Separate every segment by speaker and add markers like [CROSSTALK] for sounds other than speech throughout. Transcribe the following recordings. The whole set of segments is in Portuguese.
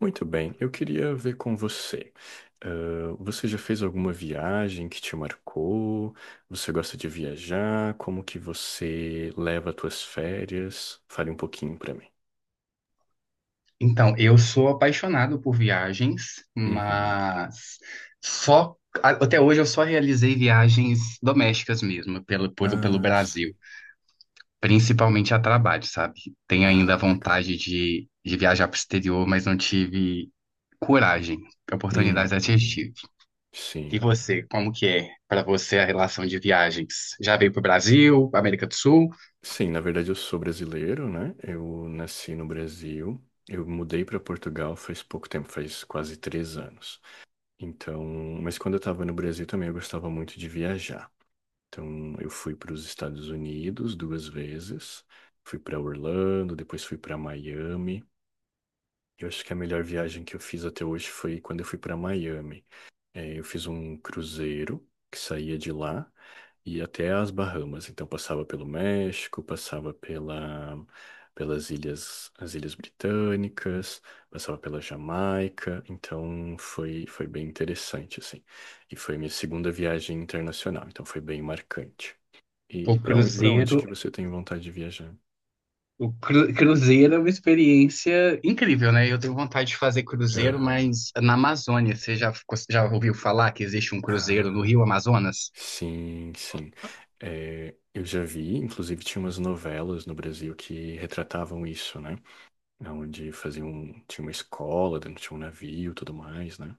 Speaker 1: Muito bem, eu queria ver com você. Ah, você já fez alguma viagem que te marcou? Você gosta de viajar? Como que você leva suas férias? Fale um pouquinho pra mim.
Speaker 2: Então, eu sou apaixonado por viagens,
Speaker 1: Uhum.
Speaker 2: mas só até hoje eu só realizei viagens domésticas mesmo, pelo
Speaker 1: Ah,
Speaker 2: Brasil,
Speaker 1: sim.
Speaker 2: principalmente a trabalho, sabe? Tenho ainda a
Speaker 1: Ah, legal.
Speaker 2: vontade de viajar para o exterior, mas não tive coragem, oportunidades eu
Speaker 1: Uhum.
Speaker 2: tive. E
Speaker 1: Sim.
Speaker 2: você, como que é para você a relação de viagens? Já veio para o Brasil, América do Sul?
Speaker 1: Sim, na verdade eu sou brasileiro, né? Eu nasci no Brasil. Eu mudei para Portugal faz pouco tempo, faz quase 3 anos. Então, mas quando eu estava no Brasil também eu gostava muito de viajar. Então, eu fui para os Estados Unidos duas vezes, fui para Orlando, depois fui para Miami. Eu acho que a melhor viagem que eu fiz até hoje foi quando eu fui para Miami. É, eu fiz um cruzeiro que saía de lá e ia até as Bahamas. Então, passava pelo México, passava pelas ilhas, as Ilhas Britânicas, passava pela Jamaica. Então, foi bem interessante, assim. E foi minha segunda viagem internacional, então foi bem marcante. E
Speaker 2: O
Speaker 1: para onde que
Speaker 2: cruzeiro
Speaker 1: você tem vontade de viajar?
Speaker 2: O cru- Cruzeiro é uma experiência incrível, né? Eu tenho vontade de fazer cruzeiro,
Speaker 1: Aham.
Speaker 2: mas na Amazônia. Você já ouviu falar que existe um cruzeiro no Rio
Speaker 1: Ah,
Speaker 2: Amazonas?
Speaker 1: sim, sim. É, eu já vi, inclusive tinha umas novelas no Brasil que retratavam isso, né? Onde faziam, tinha uma escola, dentro tinha um navio, e tudo mais, né?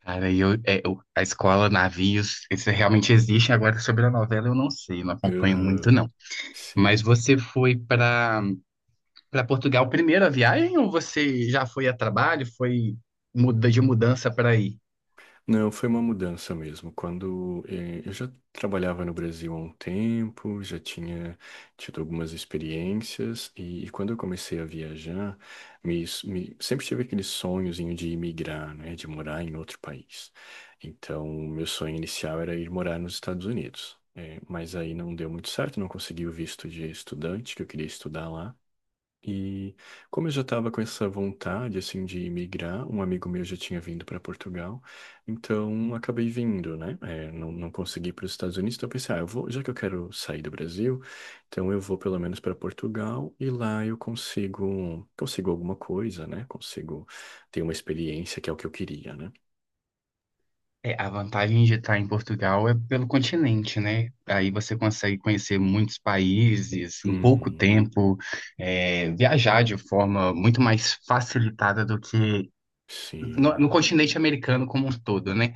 Speaker 2: Cara, a escola, navios, isso realmente existe. Agora, sobre a novela, eu não sei, não acompanho muito,
Speaker 1: Aham.
Speaker 2: não.
Speaker 1: Sim.
Speaker 2: Mas você foi para Portugal primeiro a viagem ou você já foi a trabalho? Foi mudança para aí?
Speaker 1: Não, foi uma mudança mesmo. Quando eu já trabalhava no Brasil há um tempo, já tinha tido algumas experiências, e quando eu comecei a viajar, sempre tive aquele sonhozinho de imigrar, né, de morar em outro país. Então, meu sonho inicial era ir morar nos Estados Unidos. Mas aí não deu muito certo, não consegui o visto de estudante que eu queria estudar lá. E como eu já estava com essa vontade, assim, de migrar, um amigo meu já tinha vindo para Portugal, então acabei vindo, né? É, não consegui ir para os Estados Unidos, então eu pensei, ah, eu vou, já que eu quero sair do Brasil, então eu vou pelo menos para Portugal e lá eu consigo alguma coisa, né? Consigo ter uma experiência que é o que eu queria, né?
Speaker 2: É, a vantagem de estar em Portugal é pelo continente, né? Aí você consegue conhecer muitos países em pouco
Speaker 1: Uhum,
Speaker 2: tempo, viajar de forma muito mais facilitada do que
Speaker 1: sim,
Speaker 2: no continente americano como um todo, né?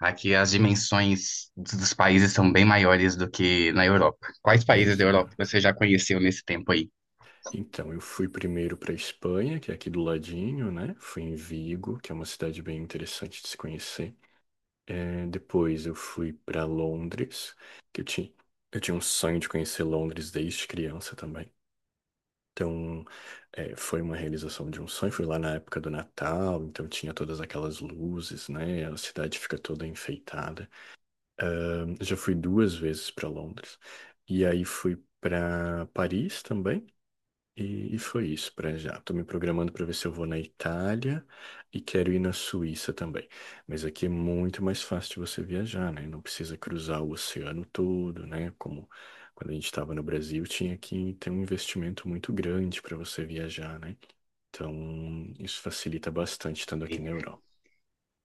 Speaker 2: Aqui as dimensões dos países são bem maiores do que na Europa. Quais países da Europa
Speaker 1: exato.
Speaker 2: você já conheceu nesse tempo aí?
Speaker 1: Então, eu fui primeiro para Espanha, que é aqui do ladinho, né? Fui em Vigo, que é uma cidade bem interessante de se conhecer. É, depois eu fui para Londres, que eu tinha um sonho de conhecer Londres desde criança também. Então, foi uma realização de um sonho. Fui lá na época do Natal, então tinha todas aquelas luzes, né? A cidade fica toda enfeitada. Eu já fui duas vezes para Londres. E aí fui para Paris também. E foi isso para já. Tô me programando para ver se eu vou na Itália e quero ir na Suíça também. Mas aqui é muito mais fácil de você viajar, né? Não precisa cruzar o oceano todo, né? Como quando a gente estava no Brasil, tinha que ter um investimento muito grande para você viajar, né? Então, isso facilita bastante estando aqui na Europa.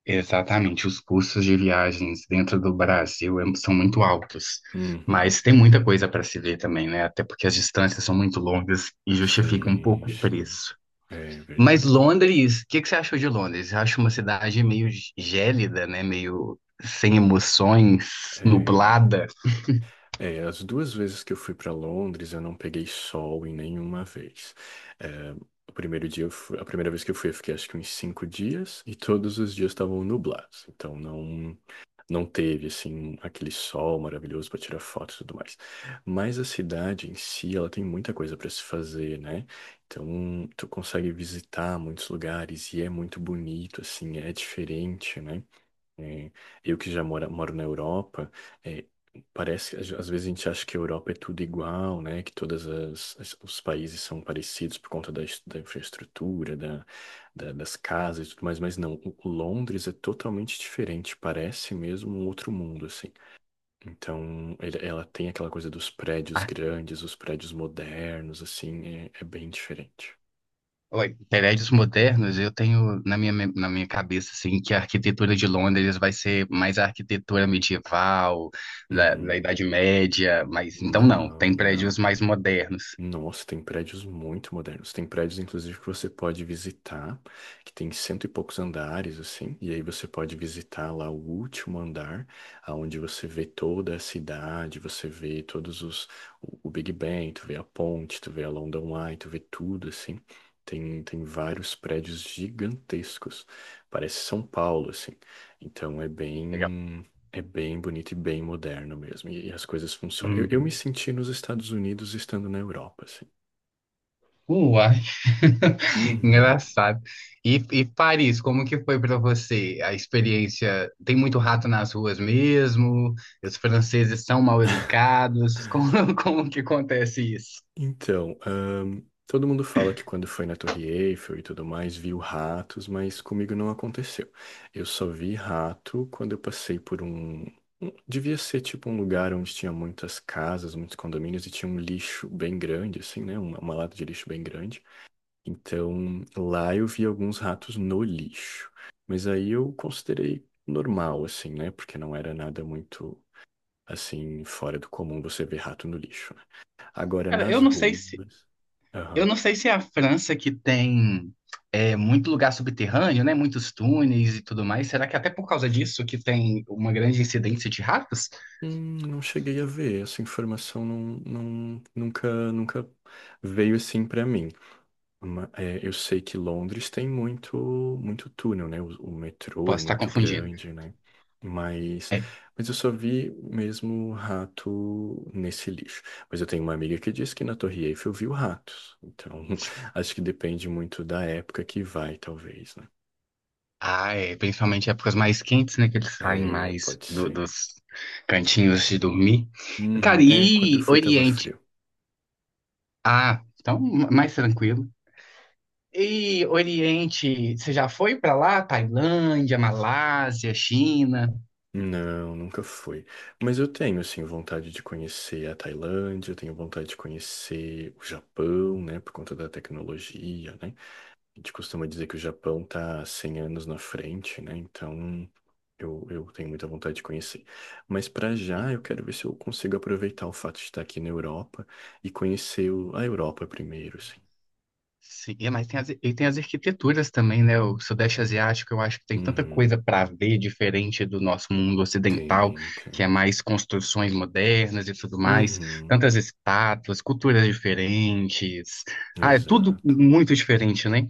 Speaker 2: Exatamente, os custos de viagens dentro do Brasil é- são muito altos,
Speaker 1: Uhum.
Speaker 2: mas tem muita coisa para se ver também, né? Até porque as distâncias são muito longas e justifica um
Speaker 1: Sim,
Speaker 2: pouco o
Speaker 1: sim.
Speaker 2: preço.
Speaker 1: É
Speaker 2: Mas
Speaker 1: verdade.
Speaker 2: Londres, o que que você achou de Londres? Eu acho uma cidade meio gélida, né? Meio sem emoções,
Speaker 1: É,
Speaker 2: nublada.
Speaker 1: é, as duas vezes que eu fui para Londres, eu não peguei sol em nenhuma vez. É, o primeiro dia, a primeira vez que eu fui, eu fiquei acho que uns 5 dias e todos os dias estavam nublados. Então não teve assim aquele sol maravilhoso para tirar foto e tudo mais. Mas a cidade em si, ela tem muita coisa para se fazer, né? Então tu consegue visitar muitos lugares e é muito bonito, assim, é diferente, né? É, eu que já moro na Europa, é, parece que às vezes a gente acha que a Europa é tudo igual, né? Que todas os países são parecidos por conta da infraestrutura, das casas e tudo mais, mas não. O Londres é totalmente diferente, parece mesmo um outro mundo, assim. Então, ela tem aquela coisa dos prédios grandes, os prédios modernos, assim, é bem diferente.
Speaker 2: Oi, prédios modernos, eu tenho na minha cabeça assim que a arquitetura de Londres vai ser mais a arquitetura medieval, da
Speaker 1: Uhum.
Speaker 2: Idade Média, mas então não,
Speaker 1: Não,
Speaker 2: tem prédios
Speaker 1: não.
Speaker 2: mais modernos.
Speaker 1: Nossa, tem prédios muito modernos. Tem prédios, inclusive, que você pode visitar, que tem cento e poucos andares, assim, e aí você pode visitar lá o último andar, aonde você vê toda a cidade, você vê o Big Ben, tu vê a ponte, tu vê a London Eye, tu vê tudo, assim. Tem vários prédios gigantescos. Parece São Paulo, assim. Então é
Speaker 2: Legal.
Speaker 1: bem. É bem bonito e bem moderno mesmo. E as coisas funcionam. Eu me
Speaker 2: Uhum.
Speaker 1: senti nos Estados Unidos estando na Europa, assim.
Speaker 2: Uai, [LAUGHS]
Speaker 1: Uhum.
Speaker 2: engraçado. E Paris, como que foi para você a experiência? Tem muito rato nas ruas mesmo? Os franceses são mal educados? Como, [LAUGHS] como que acontece isso?
Speaker 1: Então, todo mundo fala que quando foi na Torre Eiffel e tudo mais, viu ratos, mas comigo não aconteceu. Eu só vi rato quando eu passei por um. Devia ser tipo um lugar onde tinha muitas casas, muitos condomínios e tinha um lixo bem grande, assim, né? Uma lata de lixo bem grande. Então, lá eu vi alguns ratos no lixo. Mas aí eu considerei normal, assim, né? Porque não era nada muito, assim, fora do comum você ver rato no lixo, né? Agora,
Speaker 2: Cara, eu
Speaker 1: nas
Speaker 2: não sei se
Speaker 1: ruas.
Speaker 2: Eu
Speaker 1: Aham.
Speaker 2: não sei se é a França que tem muito lugar subterrâneo, né? Muitos túneis e tudo mais. Será que é até por causa disso que tem uma grande incidência de ratos?
Speaker 1: Não cheguei a ver. Essa informação não, nunca veio assim pra mim. É, eu sei que Londres tem muito, muito túnel, né? O metrô
Speaker 2: Posso
Speaker 1: é
Speaker 2: estar
Speaker 1: muito
Speaker 2: confundindo.
Speaker 1: grande, né? Mas,
Speaker 2: É.
Speaker 1: mas eu só vi mesmo rato nesse lixo. Mas eu tenho uma amiga que disse que na Torre Eiffel viu ratos. Então, [LAUGHS] acho que depende muito da época que vai, talvez, né?
Speaker 2: Ah, é. Principalmente épocas mais quentes, né? Que eles saem
Speaker 1: É,
Speaker 2: mais
Speaker 1: pode ser.
Speaker 2: dos cantinhos de dormir. Cara,
Speaker 1: Uhum. É, quando eu
Speaker 2: e
Speaker 1: fui tava
Speaker 2: Oriente?
Speaker 1: frio.
Speaker 2: Ah, então mais tranquilo. E Oriente, você já foi pra lá? Tailândia, Malásia, China?
Speaker 1: Não, nunca fui. Mas eu tenho, assim, vontade de conhecer a Tailândia, eu tenho vontade de conhecer o Japão, né, por conta da tecnologia, né? A gente costuma dizer que o Japão tá 100 anos na frente, né? Então, eu tenho muita vontade de conhecer. Mas para já, eu quero ver se eu consigo aproveitar o fato de estar aqui na Europa e conhecer a Europa primeiro, assim.
Speaker 2: Sim, mas tem e tem as arquiteturas também, né? O Sudeste Asiático, eu acho que tem tanta
Speaker 1: Uhum,
Speaker 2: coisa para ver diferente do nosso mundo ocidental,
Speaker 1: tem,
Speaker 2: que é
Speaker 1: tem.
Speaker 2: mais construções modernas e tudo mais,
Speaker 1: Uhum,
Speaker 2: tantas estátuas, culturas diferentes. Ah, é tudo
Speaker 1: exato.
Speaker 2: muito diferente, né?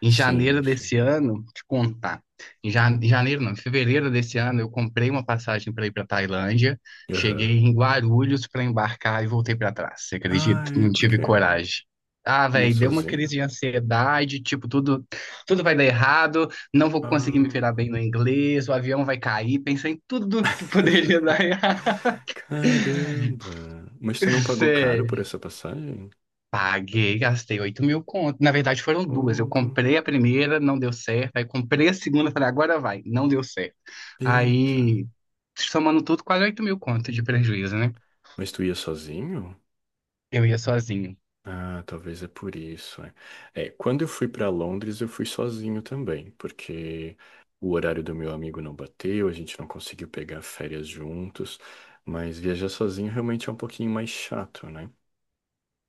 Speaker 2: Em
Speaker 1: Sim,
Speaker 2: janeiro
Speaker 1: sim.
Speaker 2: desse ano, te contar. Em ja- em janeiro, não, em fevereiro desse ano, eu comprei uma passagem para ir para Tailândia, cheguei
Speaker 1: Aham.
Speaker 2: em Guarulhos para embarcar e voltei para trás. Você
Speaker 1: Ah,
Speaker 2: acredita?
Speaker 1: é,
Speaker 2: Não
Speaker 1: por
Speaker 2: tive
Speaker 1: quê?
Speaker 2: coragem. Ah,
Speaker 1: Viu
Speaker 2: velho, deu uma
Speaker 1: sozinho?
Speaker 2: crise de ansiedade, tipo, tudo, tudo vai dar errado, não vou conseguir me virar
Speaker 1: Ah,
Speaker 2: bem no inglês, o avião vai cair, pensei em tudo que poderia dar errado.
Speaker 1: caramba! Mas tu não
Speaker 2: [LAUGHS]
Speaker 1: pagou caro por
Speaker 2: Sei.
Speaker 1: essa passagem?
Speaker 2: Paguei, gastei 8 mil conto. Na verdade, foram duas. Eu
Speaker 1: Hugo.
Speaker 2: comprei a primeira, não deu certo. Aí comprei a segunda, falei, agora vai, não deu certo.
Speaker 1: Eita.
Speaker 2: Aí, somando tudo, quase 8 mil conto de prejuízo, né?
Speaker 1: Mas tu ia sozinho?
Speaker 2: Eu ia sozinho.
Speaker 1: Ah, talvez é por isso. É, é, quando eu fui para Londres, eu fui sozinho também, porque o horário do meu amigo não bateu, a gente não conseguiu pegar férias juntos, mas viajar sozinho realmente é um pouquinho mais chato, né?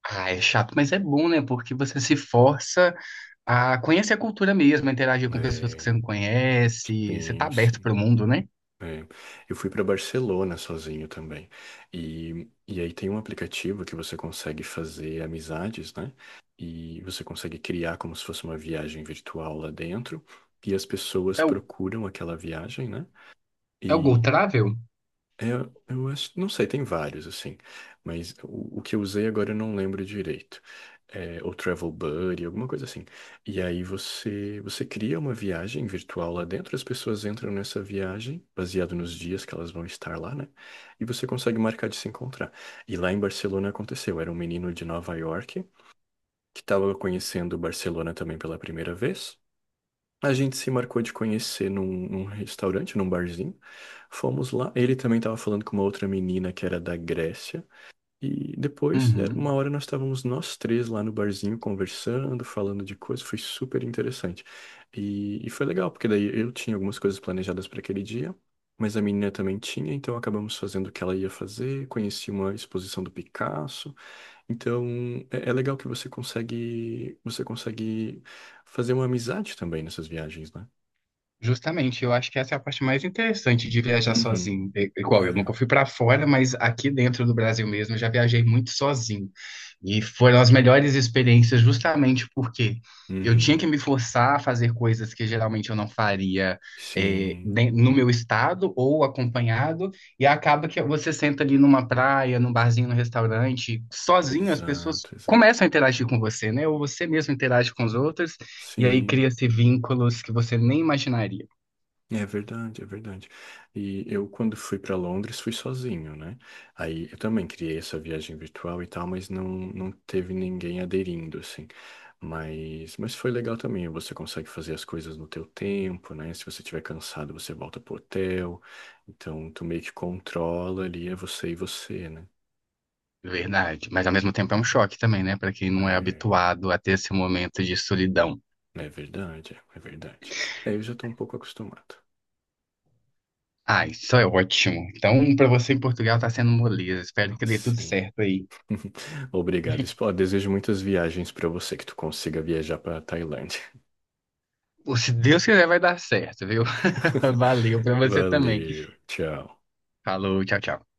Speaker 2: Ah, é chato, mas é bom, né? Porque você se força a conhecer a cultura mesmo, a interagir com pessoas que você
Speaker 1: É,
Speaker 2: não conhece, você tá
Speaker 1: sim,
Speaker 2: aberto
Speaker 1: sim.
Speaker 2: pro mundo, né?
Speaker 1: É, eu fui para Barcelona sozinho também. E aí tem um aplicativo que você consegue fazer amizades, né? E você consegue criar como se fosse uma viagem virtual lá dentro. E as pessoas
Speaker 2: É o,
Speaker 1: procuram aquela viagem, né?
Speaker 2: é o Go Travel?
Speaker 1: É, eu acho, não sei, tem vários, assim, mas o que eu usei agora eu não lembro direito. É, ou Travel Buddy, alguma coisa assim. E aí você cria uma viagem virtual lá dentro, as pessoas entram nessa viagem, baseado nos dias que elas vão estar lá, né? E você consegue marcar de se encontrar. E lá em Barcelona aconteceu, era um menino de Nova York que estava conhecendo Barcelona também pela primeira vez. A gente se marcou de conhecer num restaurante, num barzinho. Fomos lá. Ele também estava falando com uma outra menina que era da Grécia. E depois, era
Speaker 2: Uhum.
Speaker 1: uma hora, nós estávamos nós três lá no barzinho conversando, falando de coisas. Foi super interessante. E foi legal, porque daí eu tinha algumas coisas planejadas para aquele dia, mas a menina também tinha, então acabamos fazendo o que ela ia fazer. Conheci uma exposição do Picasso. Então, é legal que você consegue fazer uma amizade também nessas viagens, né?
Speaker 2: Justamente, eu acho que essa é a parte mais interessante de viajar
Speaker 1: Uhum,
Speaker 2: sozinho. É- Igual, eu nunca
Speaker 1: é,
Speaker 2: fui para fora, mas aqui dentro do Brasil mesmo eu já viajei muito sozinho. E foram as melhores experiências justamente porque eu tinha
Speaker 1: uhum,
Speaker 2: que me forçar a fazer coisas que geralmente eu não faria
Speaker 1: sim,
Speaker 2: no meu estado ou acompanhado, e acaba que você senta ali numa praia, num barzinho, num restaurante, sozinho as pessoas
Speaker 1: exato, exato,
Speaker 2: começam a interagir com você, né? Ou você mesmo interage com os outros, e aí
Speaker 1: sim,
Speaker 2: cria-se vínculos que você nem imaginaria.
Speaker 1: é verdade, é verdade. E eu, quando fui para Londres, fui sozinho, né? Aí eu também criei essa viagem virtual e tal, mas não teve ninguém aderindo, assim. Mas foi legal também, você consegue fazer as coisas no teu tempo, né? Se você estiver cansado, você volta pro hotel. Então, tu meio que controla ali, é você e você, né?
Speaker 2: Verdade, mas ao mesmo tempo é um choque também, né, pra quem não é
Speaker 1: É.
Speaker 2: habituado a ter esse momento de solidão.
Speaker 1: É verdade, é verdade. É, eu já estou um pouco acostumado.
Speaker 2: Ah, isso é ótimo. Então, pra você em Portugal tá sendo moleza. Espero que dê tudo
Speaker 1: Sim.
Speaker 2: certo aí.
Speaker 1: [LAUGHS] Obrigado.
Speaker 2: [LAUGHS]
Speaker 1: Desejo muitas viagens para você, que tu consiga viajar para Tailândia.
Speaker 2: Se Deus quiser, vai dar certo, viu? [LAUGHS]
Speaker 1: [LAUGHS]
Speaker 2: Valeu pra você também.
Speaker 1: Valeu, tchau.
Speaker 2: Falou, tchau, tchau.